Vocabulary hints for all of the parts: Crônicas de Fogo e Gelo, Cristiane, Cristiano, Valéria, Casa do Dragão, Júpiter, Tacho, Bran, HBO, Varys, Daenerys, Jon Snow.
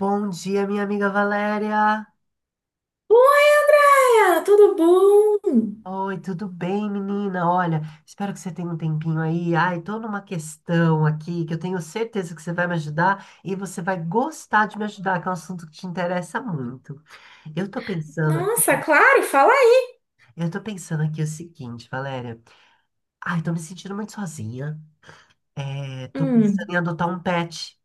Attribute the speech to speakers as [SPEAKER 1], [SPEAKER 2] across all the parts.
[SPEAKER 1] Bom dia, minha amiga Valéria.
[SPEAKER 2] Oi, Andréia, tudo bom?
[SPEAKER 1] Oi, tudo bem, menina? Olha, espero que você tenha um tempinho aí. Ai, tô numa questão aqui que eu tenho certeza que você vai me ajudar e você vai gostar de me ajudar, que é um assunto que te interessa muito. Eu tô pensando
[SPEAKER 2] Nossa,
[SPEAKER 1] aqui,
[SPEAKER 2] claro, fala aí.
[SPEAKER 1] eu tô pensando aqui o seguinte, Valéria. Ai, tô me sentindo muito sozinha. É, tô pensando
[SPEAKER 2] Hum,
[SPEAKER 1] em adotar um pet.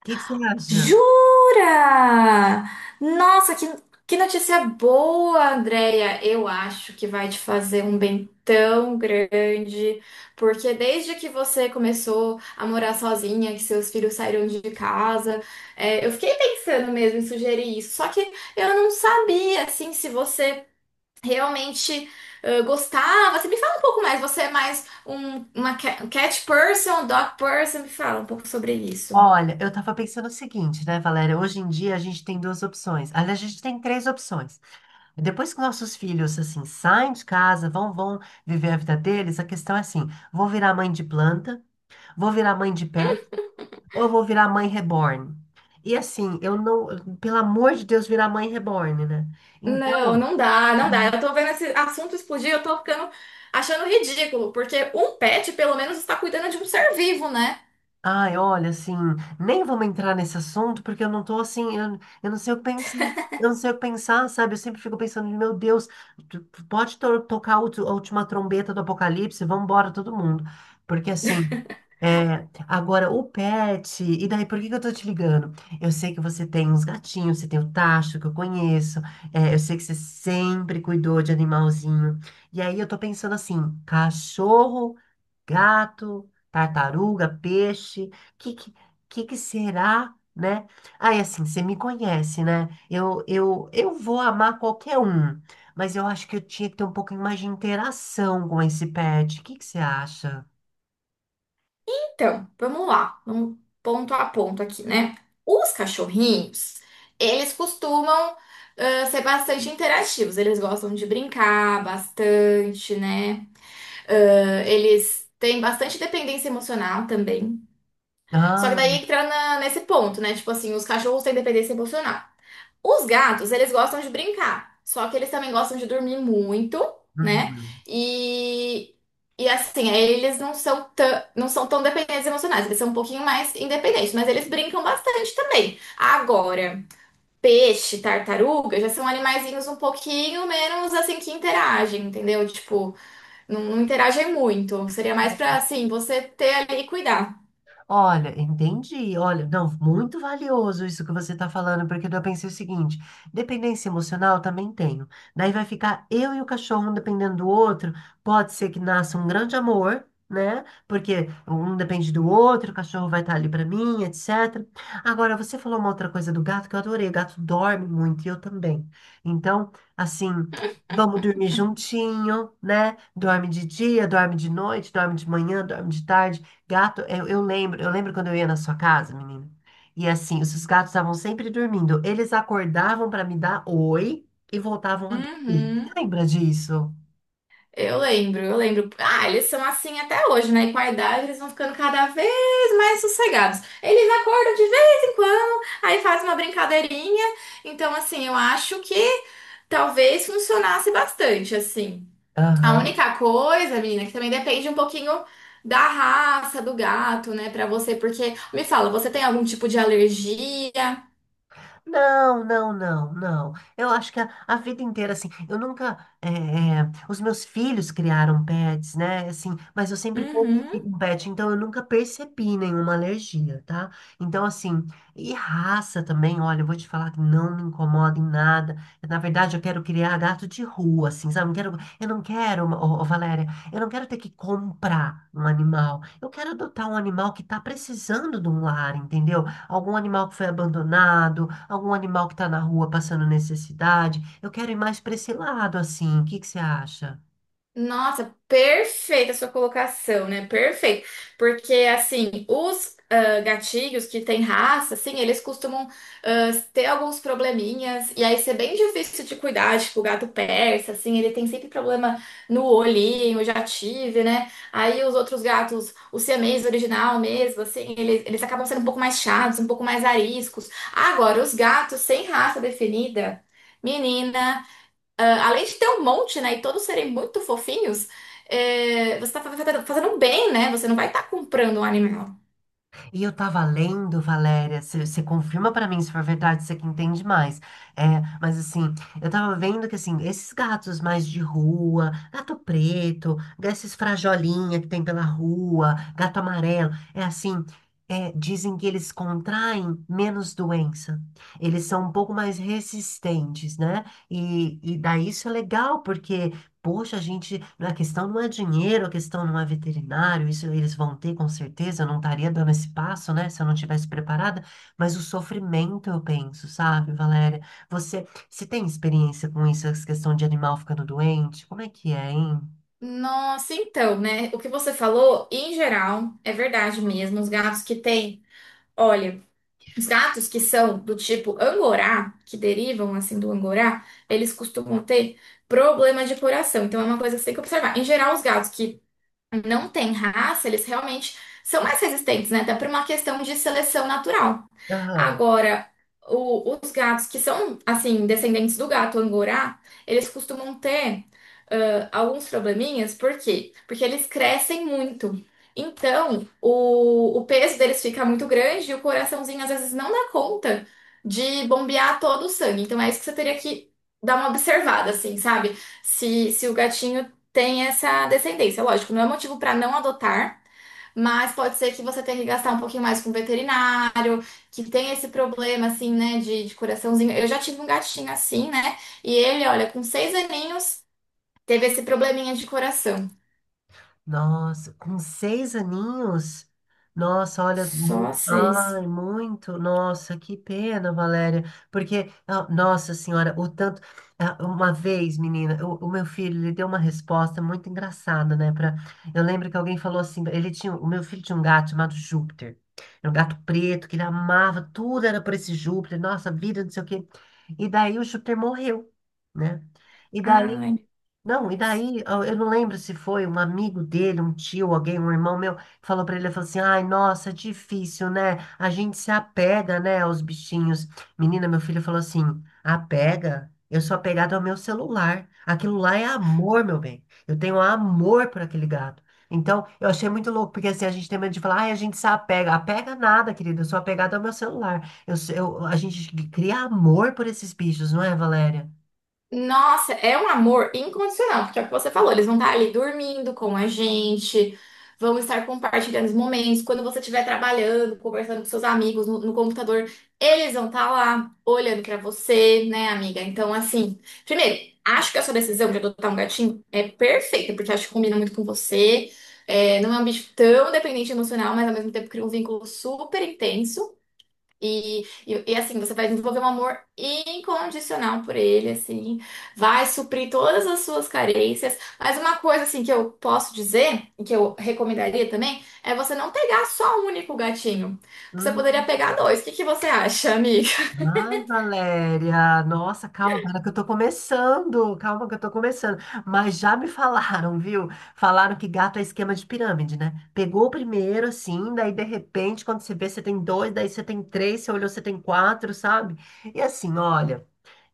[SPEAKER 1] O que que você acha?
[SPEAKER 2] jura? Nossa, que, que notícia boa, Andréia. Eu acho que vai te fazer um bem tão grande, porque desde que você começou a morar sozinha, que seus filhos saíram de casa, eu fiquei pensando mesmo em sugerir isso, só que eu não sabia, assim, se você realmente gostava? Você me fala um pouco mais. Você é mais uma cat person, dog person? Me fala um pouco sobre isso.
[SPEAKER 1] Olha, eu tava pensando o seguinte, né, Valéria? Hoje em dia a gente tem duas opções. Aliás, a gente tem três opções. Depois que nossos filhos assim saem de casa, vão viver a vida deles, a questão é assim: vou virar mãe de planta, vou virar mãe de pé, ou eu vou virar mãe reborn? E assim, eu não, pelo amor de Deus, virar mãe reborn, né?
[SPEAKER 2] Não,
[SPEAKER 1] Então,
[SPEAKER 2] não dá, não dá. Eu tô vendo esse assunto explodir, eu tô ficando achando ridículo, porque um pet pelo menos está cuidando de um ser vivo, né?
[SPEAKER 1] ai, olha, assim, nem vamos entrar nesse assunto porque eu não tô assim, eu não sei o que pensar, eu não sei o que pensar, sabe? Eu sempre fico pensando, meu Deus, tu pode tocar a a última trombeta do apocalipse, vamos embora todo mundo. Porque assim, é, agora o pet, e daí por que que eu tô te ligando? Eu sei que você tem uns gatinhos, você tem o Tacho que eu conheço, é, eu sei que você sempre cuidou de animalzinho. E aí eu tô pensando assim, cachorro gato, tartaruga, peixe, que que, que será, né? Aí assim, você me conhece, né? Eu vou amar qualquer um, mas eu acho que eu tinha que ter um pouquinho mais de interação com esse pet. O que que você acha?
[SPEAKER 2] Então, vamos lá, vamos ponto a ponto aqui, né? Os cachorrinhos, eles costumam ser bastante interativos, eles gostam de brincar bastante, né? Ah, eles têm bastante dependência emocional também. Só que
[SPEAKER 1] Ah,
[SPEAKER 2] daí entra nesse ponto, né? Tipo assim, os cachorros têm dependência emocional. Os gatos, eles gostam de brincar. Só que eles também gostam de dormir muito, né?
[SPEAKER 1] uhum.
[SPEAKER 2] E, e assim, aí eles não são tão, não são tão dependentes emocionais. Eles são um pouquinho mais independentes, mas eles brincam bastante também. Agora, peixe, tartaruga já são animaizinhos um pouquinho menos assim que interagem, entendeu? Tipo. Não, não interagem muito. Seria mais pra, assim, você ter ali e cuidar.
[SPEAKER 1] Olha, entendi. Olha, não, muito valioso isso que você está falando, porque eu pensei o seguinte: dependência emocional também tenho. Daí vai ficar eu e o cachorro, um dependendo do outro. Pode ser que nasça um grande amor, né? Porque um depende do outro, o cachorro vai estar ali para mim, etc. Agora, você falou uma outra coisa do gato que eu adorei. O gato dorme muito e eu também. Então, assim. Vamos dormir juntinho, né? Dorme de dia, dorme de noite, dorme de manhã, dorme de tarde. Gato, eu lembro, eu lembro quando eu ia na sua casa, menina. E assim, os seus gatos estavam sempre dormindo. Eles acordavam para me dar oi e voltavam a dormir.
[SPEAKER 2] Uhum.
[SPEAKER 1] Você lembra disso?
[SPEAKER 2] Eu lembro, eu lembro. Ah, eles são assim até hoje, né? E com a idade eles vão ficando cada vez mais sossegados. Eles acordam de vez em quando, aí faz uma brincadeirinha. Então, assim, eu acho que talvez funcionasse bastante, assim. A única coisa, menina, que também depende um pouquinho da raça do gato, né, pra você, porque me fala, você tem algum tipo de alergia?
[SPEAKER 1] Não, não, não, não. Eu acho que a vida inteira, assim, eu nunca. Os meus filhos criaram pets, né? Assim, mas eu sempre convivi
[SPEAKER 2] Uhum.
[SPEAKER 1] com pet, então eu nunca percebi nenhuma alergia, tá? Então, assim, e raça também, olha, eu vou te falar que não me incomoda em nada. Na verdade, eu quero criar gato de rua, assim, sabe? Eu, quero, eu não quero, Valéria, eu não quero ter que comprar um animal. Eu quero adotar um animal que tá precisando de um lar, entendeu? Algum animal que foi abandonado, algum animal que está na rua passando necessidade. Eu quero ir mais para esse lado, assim. O que que você acha?
[SPEAKER 2] Nossa, perfeita a sua colocação, né? Perfeito. Porque, assim, os gatilhos que têm raça, assim, eles costumam ter alguns probleminhas, e aí ser bem difícil de cuidar, tipo, o gato persa, assim, ele tem sempre problema no olhinho, eu já tive, né? Aí os outros gatos, o siamês original mesmo, assim, eles acabam sendo um pouco mais chatos, um pouco mais ariscos. Agora, os gatos sem raça definida, menina. Ah, além de ter um monte, né, e todos serem muito fofinhos, é, você tá fazendo um bem, né? Você não vai estar comprando um animal.
[SPEAKER 1] E eu tava lendo, Valéria, você confirma pra mim se for verdade, você que entende mais. É, mas assim, eu tava vendo que assim, esses gatos mais de rua, gato preto, esses frajolinha que tem pela rua, gato amarelo, é assim, é, dizem que eles contraem menos doença. Eles são um pouco mais resistentes, né? E daí isso é legal, porque poxa, a gente, a questão não é dinheiro, a questão não é veterinário, isso eles vão ter com certeza, eu não estaria dando esse passo, né, se eu não tivesse preparada, mas o sofrimento eu penso, sabe, Valéria? Você tem experiência com isso, essa questão de animal ficando doente? Como é que é, hein?
[SPEAKER 2] Nossa, então, né? O que você falou, em geral, é verdade mesmo. Os gatos que têm, olha, os gatos que são do tipo angorá, que derivam assim do angorá, eles costumam ter problema de coração. Então é uma coisa que você tem que observar. Em geral, os gatos que não tem raça, eles realmente são mais resistentes, né? Até por uma questão de seleção natural.
[SPEAKER 1] Aham.
[SPEAKER 2] Agora, os gatos que são, assim, descendentes do gato angorá, eles costumam ter alguns probleminhas, por quê? Porque eles crescem muito. Então, o peso deles fica muito grande e o coraçãozinho às vezes não dá conta de bombear todo o sangue. Então, é isso que você teria que dar uma observada, assim, sabe? Se o gatinho tem essa descendência. Lógico, não é motivo para não adotar, mas pode ser que você tenha que gastar um pouquinho mais com veterinário, que tem esse problema, assim, né, de coraçãozinho. Eu já tive um gatinho assim, né? E ele, olha, com seis aninhos, teve esse probleminha de coração.
[SPEAKER 1] Nossa, com seis aninhos? Nossa, olha,
[SPEAKER 2] Só seis.
[SPEAKER 1] ai, muito, nossa, que pena, Valéria, porque, ah, nossa senhora, o tanto, ah, uma vez, menina, o meu filho, ele deu uma resposta muito engraçada, né, pra, eu lembro que alguém falou assim, ele tinha, o meu filho tinha um gato chamado Júpiter, era um gato preto, que ele amava, tudo era por esse Júpiter, nossa, vida, não sei o quê, e daí o Júpiter morreu, né, e daí
[SPEAKER 2] Ai.
[SPEAKER 1] não, e daí, eu não lembro se foi um amigo dele, um tio, alguém, um irmão meu, falou pra ele, ele falou assim, ai, nossa, é difícil, né? A gente se apega, né, aos bichinhos. Menina, meu filho falou assim, apega? Eu sou apegado ao meu celular. Aquilo lá é amor, meu bem. Eu tenho amor por aquele gato. Então, eu achei muito louco, porque assim, a gente tem medo de falar, ai, a gente se apega. Apega nada, querida, eu sou apegado ao meu celular. A gente cria amor por esses bichos, não é, Valéria?
[SPEAKER 2] Nossa, é um amor incondicional, porque é o que você falou, eles vão estar ali dormindo com a gente, vão estar compartilhando os momentos. Quando você estiver trabalhando, conversando com seus amigos no computador, eles vão estar lá olhando para você, né, amiga? Então, assim, primeiro, acho que a sua decisão de adotar um gatinho é perfeita, porque acho que combina muito com você. É, não é um bicho tão dependente emocional, mas ao mesmo tempo cria um vínculo super intenso. Assim, você vai desenvolver um amor incondicional por ele, assim, vai suprir todas as suas carências. Mas uma coisa, assim, que eu posso dizer, e que eu recomendaria também, é você não pegar só um único gatinho. Você poderia
[SPEAKER 1] Hum.
[SPEAKER 2] pegar dois. O que que você acha, amiga?
[SPEAKER 1] Ai, Valéria, nossa, calma, para que eu tô começando, calma que eu tô começando. Mas já me falaram, viu? Falaram que gato é esquema de pirâmide, né? Pegou o primeiro, assim, daí de repente, quando você vê, você tem dois, daí você tem três, você olhou, você tem quatro, sabe? E assim, olha.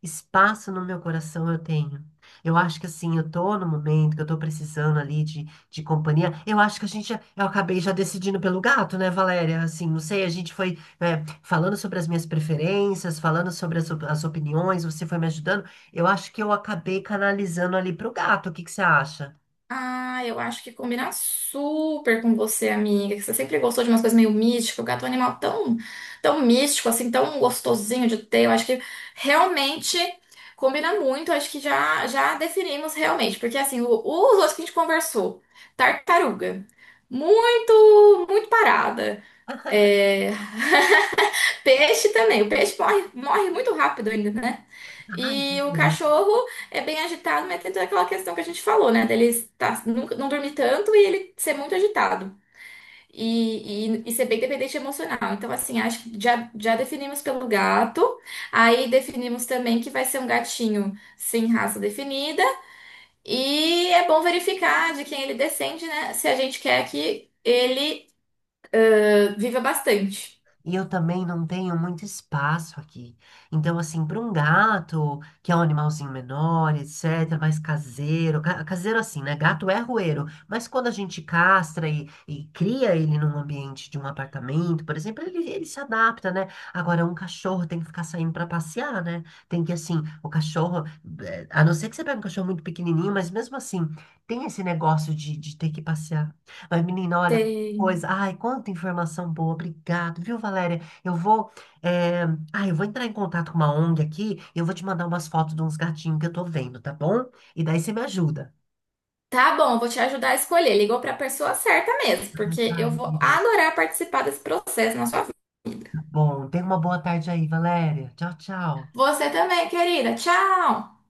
[SPEAKER 1] Espaço no meu coração eu tenho. Eu acho que assim, eu tô no momento que eu tô precisando ali de companhia. Eu acho que a gente, eu acabei já decidindo pelo gato, né, Valéria? Assim, não sei, a gente foi, é, falando sobre as minhas preferências, falando sobre as, as opiniões, você foi me ajudando. Eu acho que eu acabei canalizando ali pro gato. O que que você acha?
[SPEAKER 2] Ah, eu acho que combina super com você, amiga, que você sempre gostou de umas coisas meio místicas. O gato é um animal tão, tão místico, assim, tão gostosinho de ter. Eu acho que realmente combina muito. Eu acho que já definimos realmente, porque assim, os outros que a gente conversou, tartaruga, muito, muito parada. É, peixe também. O peixe morre, morre muito rápido ainda, né?
[SPEAKER 1] Ai,
[SPEAKER 2] E o cachorro é bem agitado, mas tem toda aquela questão que a gente falou, né? Dele estar, não dormir tanto e ele ser muito agitado. E ser bem dependente emocional. Então, assim, acho que já definimos pelo gato. Aí definimos também que vai ser um gatinho sem raça definida. E é bom verificar de quem ele descende, né? Se a gente quer que ele viva bastante.
[SPEAKER 1] e eu também não tenho muito espaço aqui. Então, assim, para um gato, que é um animalzinho menor, etc., mais caseiro, caseiro assim, né? Gato é rueiro, mas quando a gente castra e cria ele num ambiente de um apartamento, por exemplo, ele se adapta, né? Agora, um cachorro tem que ficar saindo para passear, né? Tem que, assim, o cachorro, eh, a não ser que você pegue um cachorro muito pequenininho, mas mesmo assim, tem esse negócio de ter que passear. Mas, menina, olha,
[SPEAKER 2] Tem.
[SPEAKER 1] pois, ai, quanta informação boa, obrigado, viu, Valéria? Eu vou, eh, ai, eu vou entrar em contato com uma ONG aqui, eu vou te mandar umas fotos de uns gatinhos que eu tô vendo, tá bom? E daí você me ajuda.
[SPEAKER 2] Tá bom, vou te ajudar a escolher. Ligou para a pessoa certa mesmo,
[SPEAKER 1] Ai,
[SPEAKER 2] porque
[SPEAKER 1] tá,
[SPEAKER 2] eu vou
[SPEAKER 1] meu Deus.
[SPEAKER 2] adorar participar desse processo na sua vida.
[SPEAKER 1] Tá bom, tenha uma boa tarde aí, Valéria. Tchau, tchau.
[SPEAKER 2] Você também, querida. Tchau!